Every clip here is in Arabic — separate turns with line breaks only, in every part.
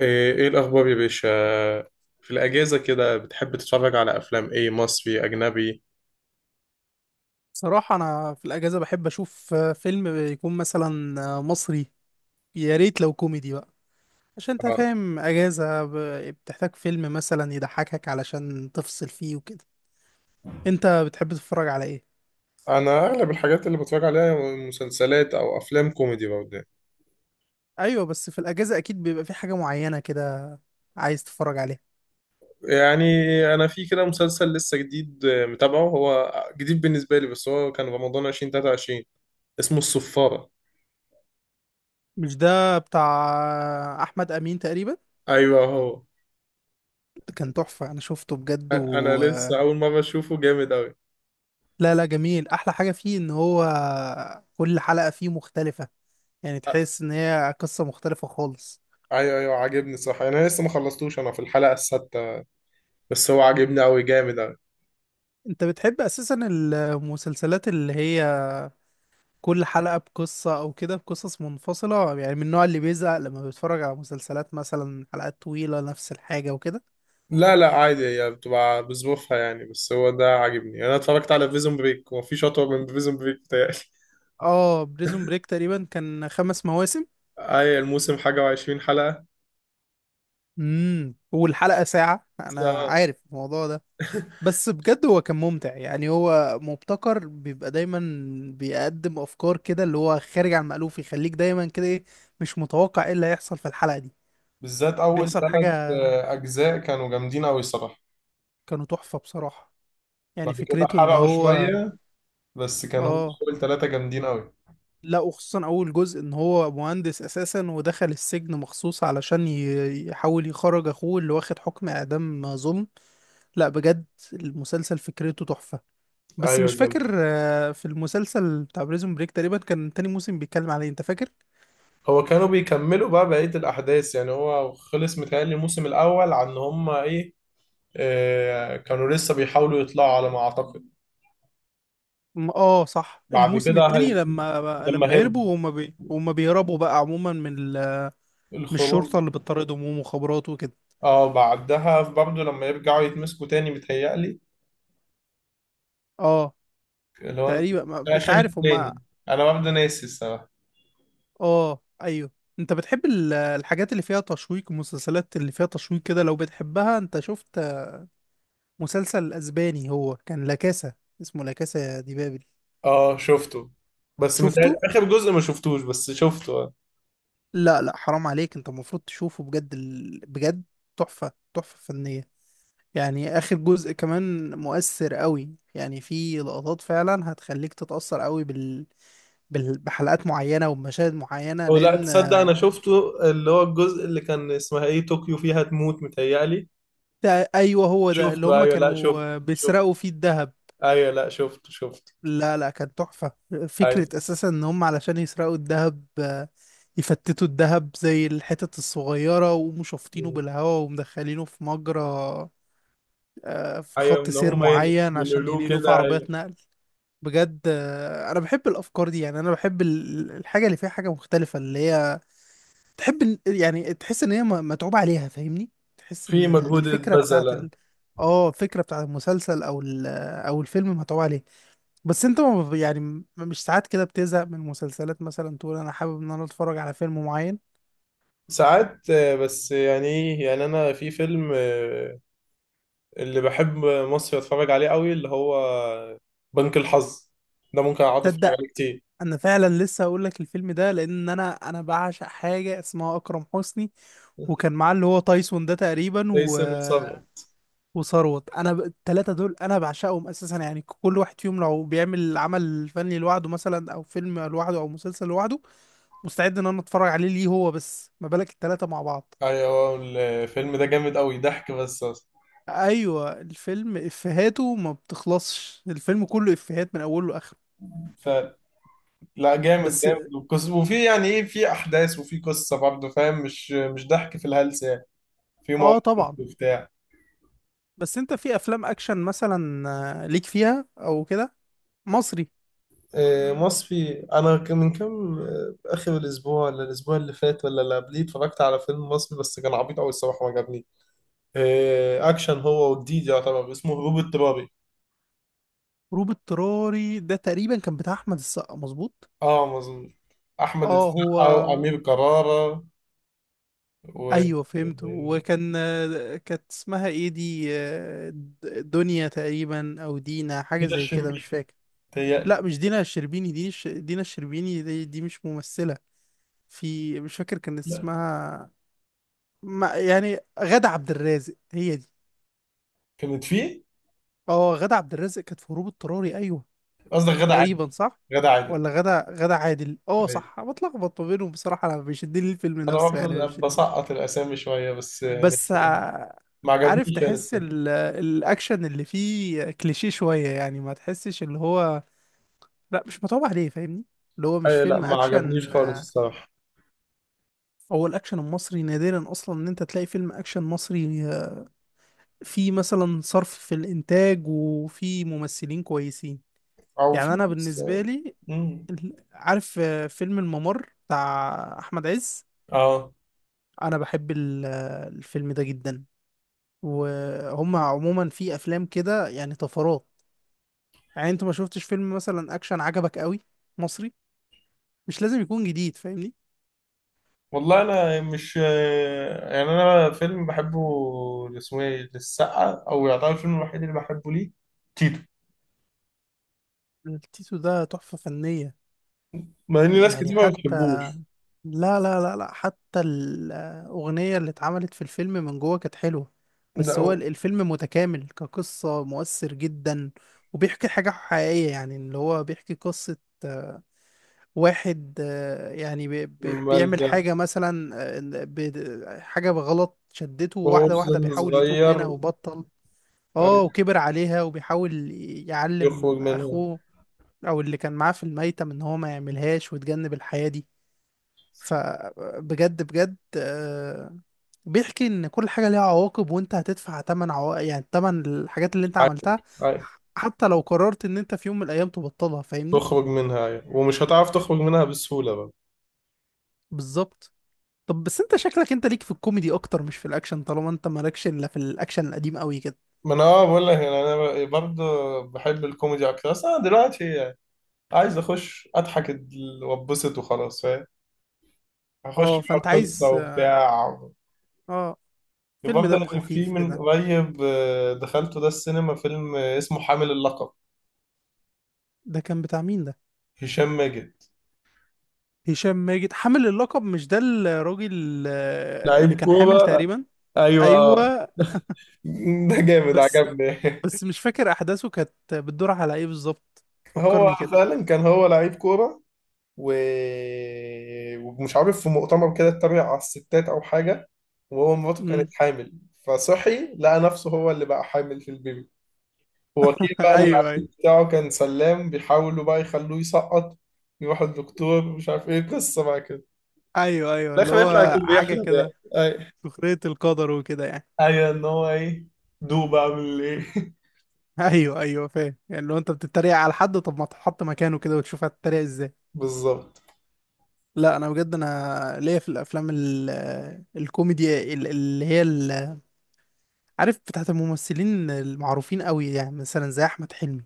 ايه إيه الاخبار يا باشا؟ في الاجازه كده بتحب تتفرج على افلام ايه، مصري اجنبي؟
صراحة أنا في الأجازة بحب أشوف فيلم يكون مثلا مصري. يا ريت لو كوميدي بقى، عشان أنت
آه،
فاهم بتحتاج فيلم مثلا يضحكك علشان تفصل فيه وكده. أنت بتحب تتفرج على إيه؟
انا اغلب الحاجات اللي بتفرج عليها مسلسلات او افلام كوميدي برضه.
أيوة، بس في الأجازة أكيد بيبقى في حاجة معينة كده عايز تتفرج عليها.
يعني انا في كده مسلسل لسه جديد، متابعه، هو جديد بالنسبه لي بس هو كان رمضان 2023، اسمه الصفاره.
مش ده بتاع أحمد أمين تقريبا؟
ايوه هو.
كان تحفة، أنا شفته بجد
أنا
و
لسه
آه،
اول مره اشوفه، جامد قوي.
لا لا، جميل. أحلى حاجة فيه إن هو كل حلقة فيه مختلفة، يعني تحس إن هي قصة مختلفة خالص.
ايوه ايوه، عاجبني صح. انا لسه ما خلصتوش، انا في الحلقه السادسه بس هو عاجبني قوي، جامد.
انت بتحب اساسا المسلسلات اللي هي كل حلقة بقصة او كده، بقصص منفصلة؟ يعني من النوع اللي بيزهق لما بيتفرج على مسلسلات مثلا حلقات طويلة نفس الحاجة وكده.
لا لا، عادي هي بتبقى بظروفها يعني، بس هو ده عاجبني يعني. انا اتفرجت على بريزون بريك ومفيش اطول من بريزون بريك بتاعي
اه، بريزون بريك تقريبا كان خمس مواسم.
اي، الموسم حاجه وعشرين حلقه.
والحلقة ساعة،
بس-
انا
آه،
عارف الموضوع ده. بس بجد هو كان ممتع، يعني هو مبتكر، بيبقى دايما بيقدم افكار كده اللي هو خارج عن المألوف، يخليك دايما كده ايه، مش متوقع ايه اللي هيحصل في الحلقة دي،
بالذات اول
بيحصل حاجة.
ثلاث اجزاء كانوا جامدين قوي الصراحه.
كانوا تحفة بصراحة. يعني
بعد كده
فكرته ان
حرقوا
هو،
شويه بس كانوا هم
اه،
اول ثلاثه جامدين قوي.
لا، وخصوصا اول جزء، ان هو مهندس اساسا ودخل السجن مخصوص علشان يحاول يخرج اخوه اللي واخد حكم اعدام ظلم. لا بجد، المسلسل فكرته تحفة. بس
ايوه
مش فاكر،
جامد.
في المسلسل بتاع بريزون بريك تقريبا كان تاني موسم بيتكلم عليه، انت فاكر؟
هو كانوا بيكملوا بقى بقيه الاحداث يعني. هو خلص متهيألي الموسم الاول، عن هم ايه، آه كانوا لسه بيحاولوا يطلعوا على ما اعتقد.
اه صح،
بعد
الموسم
كده
التاني،
هي...
لما
لما
لما
هرب،
يهربوا، وهم بيهربوا بقى عموما من من
الخروج.
الشرطة اللي بتطاردهم ومخابرات وكده.
اه بعدها برضه لما يرجعوا يتمسكوا تاني بيتهيألي
اه،
اللي هو
تقريبا، مش
آخر
عارف هم.
التاني. أنا برضه ناسي الصراحة.
اه ايوه. انت بتحب الحاجات اللي فيها تشويق، المسلسلات اللي فيها تشويق كده لو بتحبها؟ انت شفت مسلسل اسباني هو كان لا كاسا، اسمه لا كاسا دي بابل؟
اه شفته، بس
شفته.
متهيألي آخر جزء ما شفتوش، بس شفته اه.
لا لا، حرام عليك، انت المفروض تشوفه بجد بجد تحفة، تحفة فنية. يعني اخر جزء كمان مؤثر قوي، يعني في لقطات فعلا هتخليك تتأثر قوي بحلقات معينة وبمشاهد معينة
أو لا
لان،
تصدق، أنا شفته اللي هو الجزء اللي كان اسمها إيه، طوكيو فيها تموت متهيألي.
ده ايوه، هو ده اللي
شفته
هم
أيوه، لا شفته
كانوا
شفته
بيسرقوا فيه الذهب.
أيوه لا، شفته
لا لا، كانت تحفة.
أيوه
فكرة أساسا إن هم علشان يسرقوا الذهب، يفتتوا الذهب زي الحتت الصغيرة ويقوموا شافطينه بالهواء ومدخلينه في مجرى، في
أيوه.
خط
إن
سير
هما
معين عشان
ينقلوه
ينقلوه في
كده أيوه،
عربيات نقل. بجد أنا بحب الأفكار دي. يعني أنا بحب الحاجة اللي فيها حاجة مختلفة، اللي هي تحب يعني تحس إن هي متعوب عليها، فاهمني؟ تحس
في
إن
مجهود
الفكرة بتاعت
اتبذل.
اه الفكرة بتاعت المسلسل أو ال... آه، أو الفيلم متعوب عليها. بس انت ما بت- يعني مش ساعات كده بتزهق من المسلسلات مثلا تقول انا حابب ان انا اتفرج على فيلم معين؟
ساعات بس يعني ايه، يعني انا في فيلم اللي بحب مصري اتفرج عليه قوي اللي هو بنك الحظ، ده ممكن اقعد اتفرج
تصدق،
عليه كتير.
انا فعلا لسه هقول لك الفيلم ده، لان انا بعشق حاجه اسمها اكرم حسني، وكان معاه اللي هو تايسون ده تقريبا،
تايسون وصبري.
وثروت. انا التلاته دول انا بعشقهم اساسا، يعني كل واحد فيهم لو بيعمل عمل فني لوحده مثلا، او فيلم لوحده او مسلسل لوحده، مستعد ان انا اتفرج عليه، ليه هو بس؟ ما بالك التلاته مع بعض.
ايوه الفيلم ده جامد قوي، ضحك بس اصلا.
ايوه الفيلم افهاته ما بتخلصش، الفيلم كله افهات من اوله لاخره.
ف لا جامد
بس،
جامد، وفي يعني ايه، في احداث وفي قصه برضه فاهم، مش ضحك في الهلس يعني، في
اه
مواقف
طبعا.
وبتاع.
بس انت في افلام اكشن مثلا، ليك فيها او كده؟ مصري.
مصفي، انا كان من كام اخر الاسبوع ولا الاسبوع اللي فات ولا اللي قبليه، اتفرجت على فيلم مصري بس كان عبيط قوي الصراحه ما عجبني. اكشن، هو وجديد يعتبر، اسمه هروب اضطراري.
هروب اضطراري ده تقريبا كان بتاع احمد السقا، مظبوط؟
اه مظبوط، احمد
اه، هو.
السقا وامير كرارة و
ايوه فهمت، وكان كانت اسمها ايه دي، دنيا تقريبا او دينا، حاجه
هنا
زي كده مش
الشربيني
فاكر.
تهيألي.
لا مش دينا الشربيني، دينا الشربيني دي، دي مش ممثله في، مش فاكر كان
لا
اسمها. ما يعني غادة عبد الرازق هي دي.
كانت فيه.
اه، غادة عبد الرازق كانت في هروب اضطراري، ايوه.
قصدك غادة عادل.
تقريبا صح.
غادة عادل.
ولا غادة، غادة عادل، اه
أيوة.
صح، أنا بتلخبط ما بينهم بصراحة، انا بيشدني الفيلم
انا
نفسه يعني،
برضه
بيشدني.
بسقط الاسامي شويه بس يعني
بس ع-
ما
عارف،
عجبنيش انا
تحس
الصراحه.
الاكشن اللي فيه كليشيه شوية، يعني ما تحسش اللي هو، لا، مش متعوب عليه، فاهمني؟ اللي هو مش
اي لا،
فيلم
ما عجبنيش
اكشن،
خالص الصراحه.
هو الاكشن المصري نادرا اصلا ان انت تلاقي فيلم اكشن مصري فيه مثلا صرف في الانتاج وفيه ممثلين كويسين،
او
يعني
في
انا
بس.
بالنسبه لي،
امم
عارف فيلم الممر بتاع احمد عز؟
اه.
انا بحب الفيلم ده جدا. وهم عموما في افلام كده يعني طفرات. يعني انت ما شفتش فيلم مثلا اكشن عجبك قوي؟ مصري، مش لازم يكون جديد، فاهمني؟
والله انا مش، يعني انا فيلم بحبه اللي اسمه ايه للسقا، او يعتبر الفيلم الوحيد اللي بحبه، ليه، تيتو.
التيتو ده تحفه فنيه،
مع ان ناس
يعني
كتير ما
حتى،
بتحبوش.
لا حتى الأغنية اللي اتعملت في الفيلم من جوه كانت حلوة. بس هو
لا.
الفيلم متكامل كقصة، مؤثر جدا. وبيحكي حاجة حقيقية، يعني اللي هو بيحكي قصة واحد، يعني بيعمل
ملجأ،
حاجة مثلا، حاجة بغلط شدته،
وهو في
واحدة واحدة
سن
بيحاول يتوب منها
صغير.
وبطل. اه،
أيوة،
وكبر عليها وبيحاول
يخرج
يعلم
منها.
أخوه أو اللي كان معاه في الميتم إن هو ما يعملهاش ويتجنب الحياة دي. فبجد بجد، بيحكي ان كل حاجه ليها عواقب، وانت هتدفع تمن يعني تمن الحاجات اللي انت عملتها،
عادي عادي،
حتى لو قررت ان انت في يوم من الايام تبطلها، فاهمني؟
يخرج منها أيوة. ومش هتعرف تخرج منها بسهولة بقى.
بالظبط. طب بس انت شكلك انت ليك في الكوميدي اكتر مش في الاكشن، طالما انت مالكش الا في الاكشن القديم قوي كده.
ما انا اه بقول لك يعني، انا برضه بحب الكوميدي اكتر بس انا دلوقتي يعني عايز اخش اضحك واتبسط وخلاص فاهم، هخش
اه، فانت
بقى قصة
عايز،
وبتاع.
اه، فيلم
برضه
دمه
يعني في
خفيف
من
كده.
قريب دخلته ده السينما فيلم اسمه حامل اللقب.
ده كان بتاع مين ده؟
هشام ماجد.
هشام ماجد، حامل اللقب، مش ده الراجل اللي
لعيب
كان حامل
كورة،
تقريبا؟
ايوه
ايوه.
ده جامد
بس
عجبني.
بس مش فاكر احداثه كانت بتدور على ايه بالظبط،
هو
فكرني كده.
فعلا كان هو لعيب كورة و... ومش عارف في مؤتمر كده اتريق على الستات أو حاجة، وهو مراته
امم
كانت حامل، فصحي لقى نفسه هو اللي بقى حامل في البيبي، ووكيل بقى العيال
ايوه ايوه.
بتاعه كان سلام، بيحاولوا بقى يخلوه يسقط، يروح الدكتور، مش عارف ايه قصة بقى كده.
ايوه ايوه،
في
اللي
الآخر يطلع
هو
يكون
حاجه
بيحلم،
كده،
يعني
سخريه القدر وكده يعني.
أيوة إن هو إيه، دوب أعمل إيه
ايوه ايوه، فاهم، يعني لو انت بتتريق على حد، طب ما تحط مكانه كده وتشوف هتتريق ازاي.
بالظبط.
لا انا بجد، انا ليا في الافلام ال آه، الكوميدي اللي هي عارف، بتاعت الممثلين المعروفين قوي، يعني مثلا زي احمد حلمي،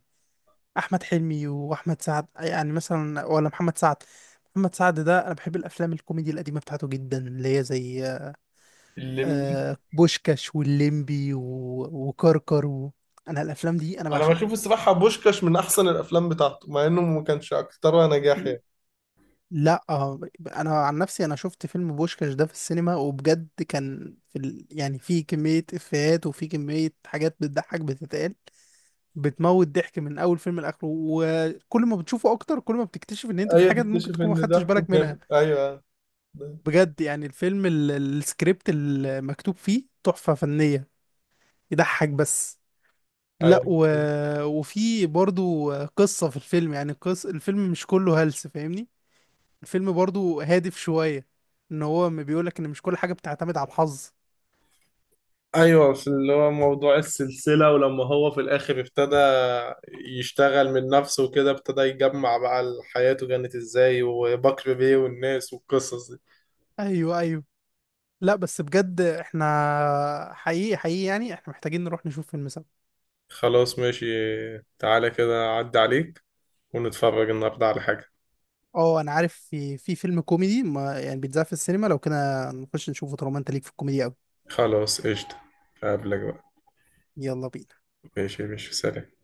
احمد حلمي واحمد سعد، يعني مثلا، ولا محمد سعد. محمد سعد ده انا بحب الافلام الكوميدي القديمه بتاعته جدا، اللي هي زي
الليمبي.
بوشكاش واللمبي وكركر انا الافلام دي انا
أنا
بعشقها.
بشوف الصراحة بوشكاش من أحسن الأفلام بتاعته مع إنه ما كانش أكترها نجاح يعني.
لا انا عن نفسي، انا شفت فيلم بوشكاش ده في السينما، وبجد كان في يعني في كميه افيهات وفي كميه حاجات بتضحك بتتقال، بتموت ضحك من اول فيلم لاخره، وكل ما بتشوفه اكتر كل ما بتكتشف ان انت في
ايوه
حاجات ممكن
تكتشف
تكون ما
ان
خدتش
ضحكه
بالك منها.
جامد، ايوه.
بجد، يعني الفيلم السكريبت المكتوب فيه تحفة فنية. يضحك بس، لا
ايوه
وفي برضو قصة في الفيلم، يعني الفيلم مش كله هلس، فاهمني؟ الفيلم برضو هادف شوية، ان هو ما بيقولك ان مش كل حاجة بتعتمد على الحظ.
ايوه، في اللي هو موضوع السلسله، ولما هو في الاخر ابتدى يشتغل من نفسه وكده، ابتدى يجمع بقى حياته كانت ازاي وبكر بيه والناس والقصص دي.
ايوه ايوه. لا بس بجد احنا، حقيقي حقيقي يعني، احنا محتاجين نروح نشوف فيلم سوا.
خلاص ماشي، تعالى كده عدي عليك ونتفرج النهارده على حاجه.
اه انا عارف في، في فيلم كوميدي ما يعني بيتذاع في السينما لو كده، نخش نشوفه طالما انت ليك في الكوميدي قوي.
خلاص قشطه، اقابلك بقى.
يلا بينا.
ماشي ماشي، سلام.